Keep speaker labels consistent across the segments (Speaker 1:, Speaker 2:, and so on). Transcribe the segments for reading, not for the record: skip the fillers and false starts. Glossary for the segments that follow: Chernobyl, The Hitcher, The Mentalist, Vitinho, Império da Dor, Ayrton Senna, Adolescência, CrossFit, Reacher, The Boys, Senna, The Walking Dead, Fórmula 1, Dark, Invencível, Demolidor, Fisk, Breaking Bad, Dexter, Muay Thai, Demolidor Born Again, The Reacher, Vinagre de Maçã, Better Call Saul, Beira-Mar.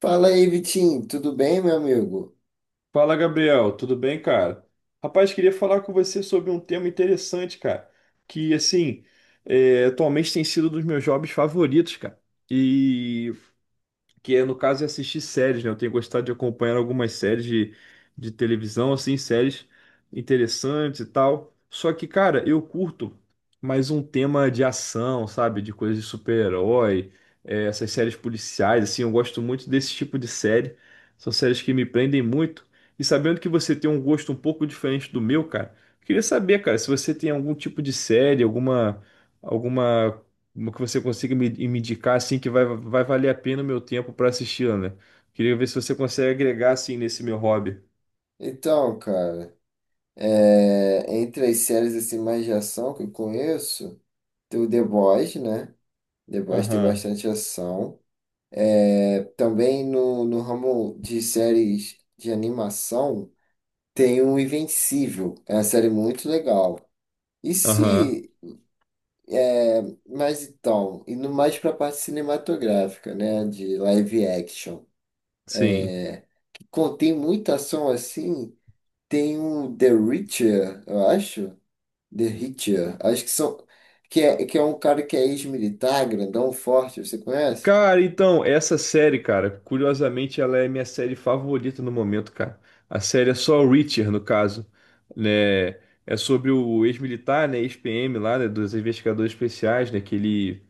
Speaker 1: Fala aí, Vitinho, tudo bem, meu amigo?
Speaker 2: Fala, Gabriel, tudo bem, cara? Rapaz, queria falar com você sobre um tema interessante, cara, que, assim, atualmente tem sido um dos meus hobbies favoritos, cara. E que é no caso é assistir séries, né? Eu tenho gostado de acompanhar algumas séries de televisão, assim, séries interessantes e tal. Só que, cara, eu curto mais um tema de ação, sabe? De coisa de super-herói, essas séries policiais, assim, eu gosto muito desse tipo de série. São séries que me prendem muito. E sabendo que você tem um gosto um pouco diferente do meu, cara, eu queria saber, cara, se você tem algum tipo de série, alguma. Alguma uma que você consiga me indicar assim que vai valer a pena o meu tempo para assisti-la, né? Queria ver se você consegue agregar assim nesse meu hobby.
Speaker 1: Então, cara, entre as séries assim, mais de ação que eu conheço, tem o The Boys, né? The Boys tem
Speaker 2: Aham.
Speaker 1: bastante ação. É, também no ramo de séries de animação, tem o Invencível, é uma série muito legal. E
Speaker 2: Aham.
Speaker 1: se, é, mas então, indo mais para a parte cinematográfica, né? De live action,
Speaker 2: Sim.
Speaker 1: que contém muita ação assim, tem o The Reacher, eu acho. The Hitcher. Acho que são. Que é um cara que é ex-militar, grandão, forte, você conhece?
Speaker 2: Cara, então, essa série, cara, curiosamente ela é minha série favorita no momento, cara. A série é só Reacher, no caso, né? É sobre o ex-militar, né, ex-PM lá, né, dos investigadores especiais, né, que ele...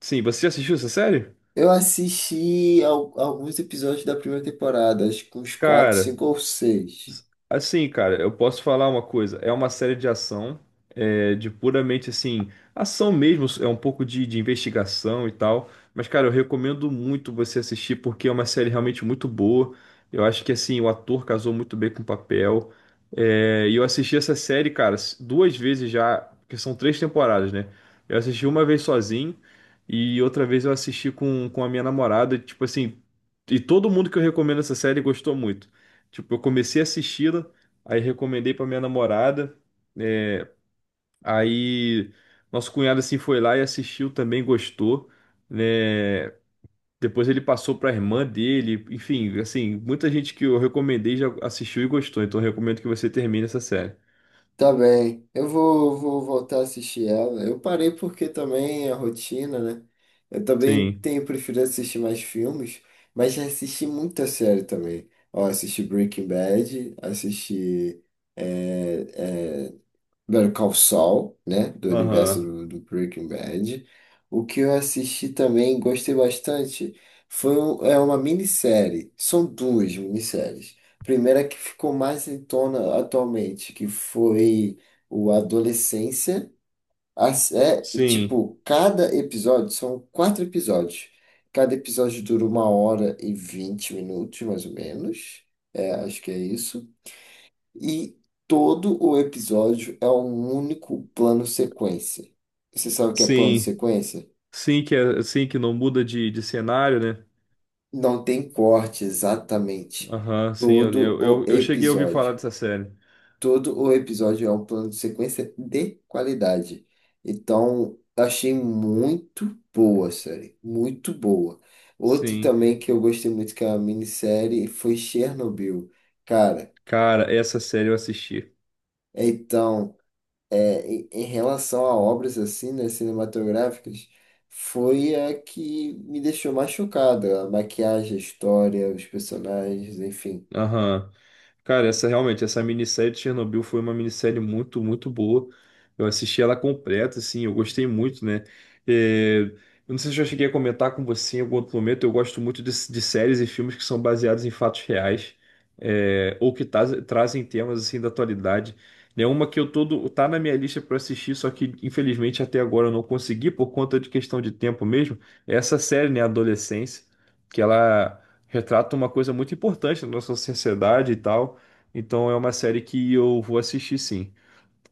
Speaker 2: Sim, você já assistiu essa série?
Speaker 1: Eu assisti alguns episódios da primeira temporada, acho que uns quatro,
Speaker 2: Cara,
Speaker 1: cinco ou seis.
Speaker 2: Assim, cara, eu posso falar uma coisa. É uma série de ação, de puramente assim, ação mesmo, é um pouco de investigação e tal. Mas, cara, eu recomendo muito você assistir porque é uma série realmente muito boa. Eu acho que assim, o ator casou muito bem com o papel. É, e eu assisti essa série, cara, duas vezes já, porque são três temporadas, né? Eu assisti uma vez sozinho e outra vez eu assisti com a minha namorada, tipo assim, e todo mundo que eu recomendo essa série gostou muito. Tipo, eu comecei a assisti-la, aí recomendei pra minha namorada. É, aí Nosso cunhado assim foi lá e assistiu também, gostou, né? Depois ele passou pra irmã dele, enfim, assim, muita gente que eu recomendei já assistiu e gostou, então eu recomendo que você termine essa série.
Speaker 1: Tá bem, eu vou voltar a assistir ela. Eu parei porque também a rotina, né? Eu também
Speaker 2: Sim.
Speaker 1: tenho preferido assistir mais filmes, mas já assisti muita série também. Ó, assisti Breaking Bad, assisti eh, eh, Better Call Saul, né? Do universo
Speaker 2: Aham.
Speaker 1: do Breaking Bad. O que eu assisti também, gostei bastante, é uma minissérie. São duas minisséries. Primeira que ficou mais em tona atualmente, que foi o Adolescência.
Speaker 2: Sim.
Speaker 1: Tipo, cada episódio, são quatro episódios. Cada episódio dura uma hora e 20 minutos, mais ou menos. É, acho que é isso. E todo o episódio é um único plano sequência. Você sabe o que é plano
Speaker 2: Sim.
Speaker 1: sequência?
Speaker 2: Sim que é, sim que não muda de cenário, né?
Speaker 1: Não tem corte exatamente.
Speaker 2: Aham, sim, eu,
Speaker 1: Todo
Speaker 2: eu,
Speaker 1: o
Speaker 2: eu eu cheguei a ouvir falar
Speaker 1: episódio.
Speaker 2: dessa série.
Speaker 1: Todo o episódio é um plano de sequência de qualidade. Então, achei muito boa a série. Muito boa. Outro
Speaker 2: Sim.
Speaker 1: também que eu gostei muito, que é uma minissérie, foi Chernobyl. Cara,
Speaker 2: Cara, essa série eu assisti.
Speaker 1: então, em relação a obras assim, né, cinematográficas, foi a que me deixou mais chocada. A maquiagem, a história, os personagens, enfim.
Speaker 2: Aham. Cara, essa realmente, essa minissérie de Chernobyl foi uma minissérie muito, muito boa. Eu assisti ela completa, assim, eu gostei muito, né? É, eu não sei se eu já cheguei a comentar com você em algum outro momento, eu gosto muito de séries e filmes que são baseados em fatos reais, ou que trazem temas, assim, da atualidade. É uma que eu todo, tá na minha lista para assistir, só que infelizmente até agora eu não consegui por conta de questão de tempo mesmo. É essa série, né, Adolescência, que ela retrata uma coisa muito importante na nossa sociedade e tal. Então é uma série que eu vou assistir sim.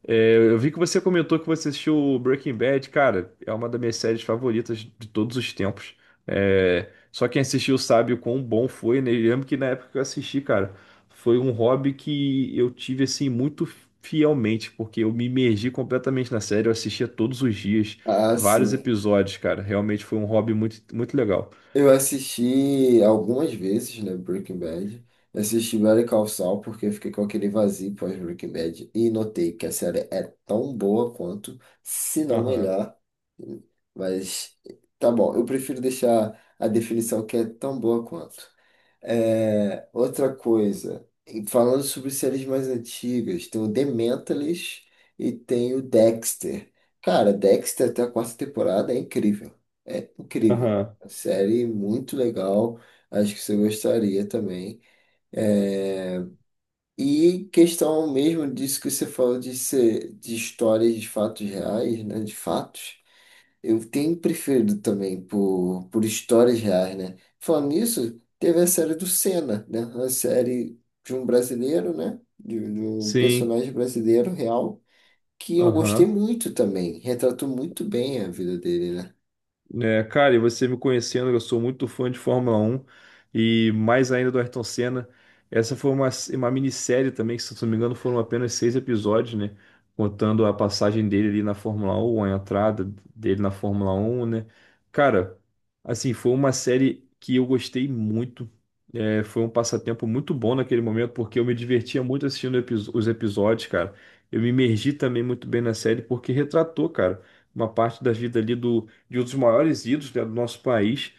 Speaker 2: É, eu vi que você comentou que você assistiu Breaking Bad, cara, é uma das minhas séries favoritas de todos os tempos. É, só quem assistiu sabe o quão bom foi, né? Eu lembro que na época que eu assisti, cara, foi um hobby que eu tive assim muito fielmente, porque eu me imergi completamente na série, eu assistia todos os dias,
Speaker 1: Ah,
Speaker 2: vários
Speaker 1: sim.
Speaker 2: episódios, cara. Realmente foi um hobby muito, muito legal.
Speaker 1: Eu assisti algumas vezes, né, Breaking Bad. Eu assisti Better Call Saul porque eu fiquei com aquele vazio pós Breaking Bad e notei que a série é tão boa quanto, se não
Speaker 2: Aham,
Speaker 1: melhor. Mas tá bom, eu prefiro deixar a definição que é tão boa quanto. Outra coisa, e falando sobre séries mais antigas, tem o The Mentalist e tem o Dexter. Cara, Dexter até a quarta temporada é incrível. É incrível.
Speaker 2: aham.
Speaker 1: A série muito legal. Acho que você gostaria também. É, questão mesmo disso que você falou de ser de histórias de fatos reais, né? De fatos. Eu tenho preferido também por histórias reais, né? Falando nisso, teve a série do Senna, né? A série de um brasileiro, né? De um
Speaker 2: Sim.
Speaker 1: personagem brasileiro real, que eu gostei
Speaker 2: Aham.
Speaker 1: muito também. Retratou muito bem a vida dele, né?
Speaker 2: É, cara, e você me conhecendo, eu sou muito fã de Fórmula 1 e mais ainda do Ayrton Senna. Essa foi uma minissérie também, que se eu não me engano foram apenas seis episódios, né? Contando a passagem dele ali na Fórmula 1, a entrada dele na Fórmula 1, né? Cara, assim, foi uma série que eu gostei muito. É, foi um passatempo muito bom naquele momento, porque eu me divertia muito assistindo os episódios, cara. Eu me imergi também muito bem na série, porque retratou, cara, uma parte da vida ali de um dos maiores ídolos, né, do nosso país.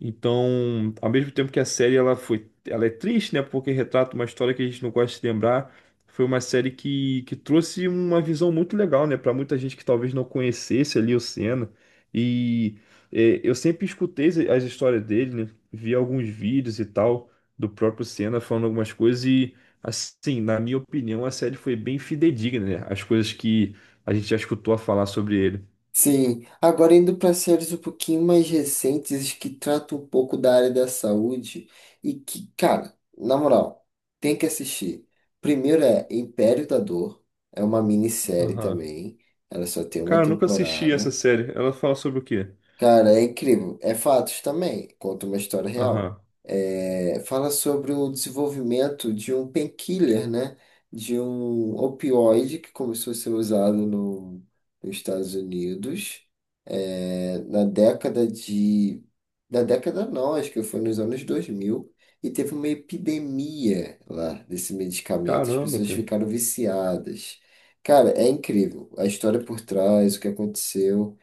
Speaker 2: Então, ao mesmo tempo que a série ela foi, ela é triste, né, porque retrata uma história que a gente não gosta de lembrar, foi uma série que trouxe uma visão muito legal, né, para muita gente que talvez não conhecesse ali o Senna. E eu sempre escutei as histórias dele, né, vi alguns vídeos e tal do próprio Senna falando algumas coisas e assim, na minha opinião, a série foi bem fidedigna, né, as coisas que a gente já escutou a falar sobre ele.
Speaker 1: Sim, agora indo para séries um pouquinho mais recentes que tratam um pouco da área da saúde e que, cara, na moral, tem que assistir. Primeiro é Império da Dor, é uma minissérie
Speaker 2: Aham.
Speaker 1: também, ela só tem uma
Speaker 2: Cara, eu nunca assisti essa
Speaker 1: temporada.
Speaker 2: série. Ela fala sobre o quê?
Speaker 1: Cara, é incrível. É fatos também. Conta uma história real.
Speaker 2: Aham.
Speaker 1: Fala sobre o desenvolvimento de um painkiller, né? De um opioide que começou a ser usado no, nos Estados Unidos, na década de... Na década não, acho que foi nos anos 2000. E teve uma epidemia lá desse medicamento. As
Speaker 2: Caramba,
Speaker 1: pessoas
Speaker 2: cara.
Speaker 1: ficaram viciadas. Cara, é incrível. A história por trás, o que aconteceu.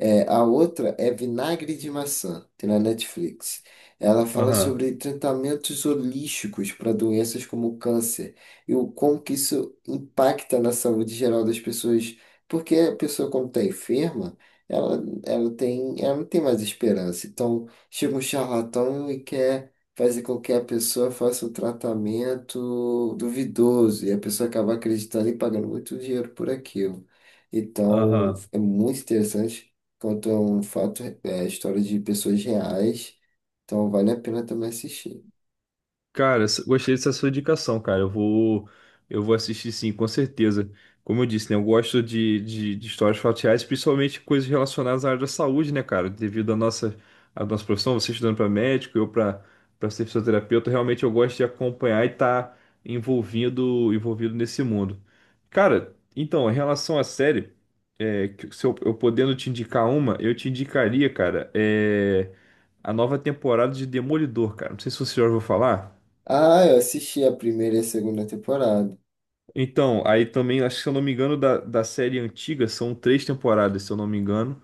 Speaker 1: A outra é Vinagre de Maçã, tem na Netflix. Ela fala
Speaker 2: Aham.
Speaker 1: sobre tratamentos holísticos para doenças como câncer e o como que isso impacta na saúde geral das pessoas. Porque a pessoa, quando está enferma, ela tem, ela não tem mais esperança. Então, chega um charlatão e quer fazer com que a pessoa faça um tratamento duvidoso e a pessoa acaba acreditando e pagando muito dinheiro por aquilo. Então,
Speaker 2: Aham.
Speaker 1: é muito interessante, contam fato, história de pessoas reais, então vale a pena também assistir.
Speaker 2: Cara, gostei dessa sua indicação, cara. Eu vou assistir sim, com certeza. Como eu disse, né? Eu gosto de histórias fatiais, principalmente coisas relacionadas à área da saúde, né, cara? Devido à à nossa profissão, você estudando para médico, eu para ser fisioterapeuta, realmente eu gosto de acompanhar e estar envolvido nesse mundo. Cara, então, em relação à série, se eu podendo te indicar uma, eu te indicaria, cara, a nova temporada de Demolidor, cara. Não sei se você já ouviu falar.
Speaker 1: Ah, eu assisti a primeira e a segunda temporada.
Speaker 2: Então, aí também, acho que se eu não me engano, da série antiga, são três temporadas, se eu não me engano.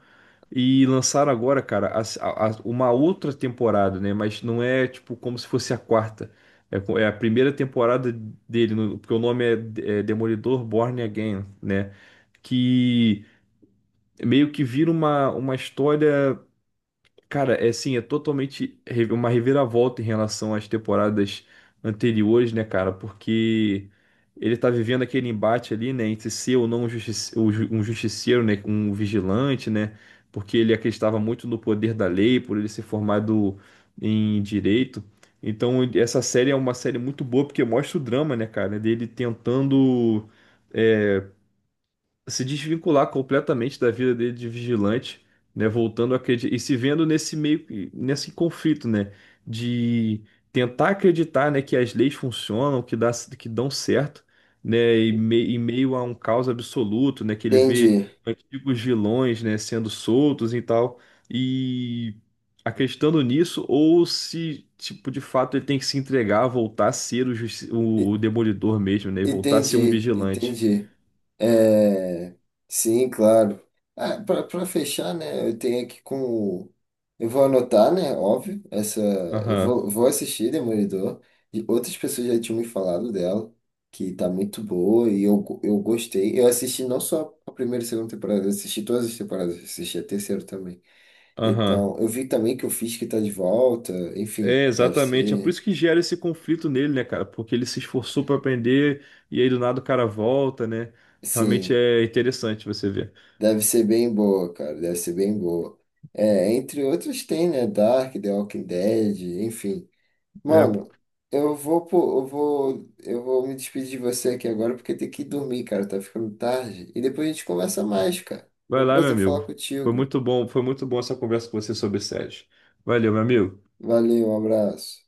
Speaker 2: E lançaram agora, cara, uma outra temporada, né? Mas não é, tipo, como se fosse a quarta. É, é a primeira temporada dele, porque o nome é Demolidor Born Again, né? Que meio que vira uma história. Cara, é assim, é totalmente uma reviravolta em relação às temporadas anteriores, né, cara? Porque ele tá vivendo aquele embate ali, né, entre ser ou não um um justiceiro, né, um vigilante, né? Porque ele acreditava muito no poder da lei, por ele ser formado em direito. Então, essa série é uma série muito boa porque mostra o drama, né, cara, dele tentando eh, se desvincular completamente da vida dele de vigilante, né, voltando a acreditar e se vendo nesse meio nesse conflito, né, de tentar acreditar, né, que as leis funcionam, que dão certo, né, e, em meio a um caos absoluto, né, que ele vê
Speaker 1: Entendi.
Speaker 2: antigos vilões, né, sendo soltos e tal, e acreditando nisso ou se tipo de fato ele tem que se entregar, voltar a ser o demolidor mesmo, né, e voltar a ser um
Speaker 1: Entendi,
Speaker 2: vigilante.
Speaker 1: entendi. É, sim, claro. Ah, para fechar, né, eu tenho aqui com. Eu vou anotar, né, óbvio, essa.
Speaker 2: Aham.
Speaker 1: Vou assistir Demolidor. E outras pessoas já tinham me falado dela, que tá muito boa, e eu gostei. Eu assisti não só a primeira e segunda temporada, eu assisti todas as temporadas, eu assisti a terceira também.
Speaker 2: Aham.
Speaker 1: Então, eu vi também que o Fisk tá de volta, enfim,
Speaker 2: É,
Speaker 1: deve
Speaker 2: exatamente. É por
Speaker 1: ser.
Speaker 2: isso que gera esse conflito nele, né, cara? Porque ele se esforçou pra aprender e aí do nada o cara volta, né? Realmente
Speaker 1: Sim.
Speaker 2: é interessante você ver.
Speaker 1: Deve ser bem boa, cara. Deve ser bem boa. É, entre outros tem, né? Dark, The Walking Dead, enfim.
Speaker 2: É,
Speaker 1: Mano, pô, eu vou me despedir de você aqui agora porque tem que dormir, cara. Tá ficando tarde. E depois a gente conversa mais, cara. Foi
Speaker 2: vai
Speaker 1: um
Speaker 2: lá, meu
Speaker 1: prazer falar
Speaker 2: amigo.
Speaker 1: contigo.
Speaker 2: Foi muito bom essa conversa com você sobre séries. Valeu, meu amigo.
Speaker 1: Valeu, um abraço.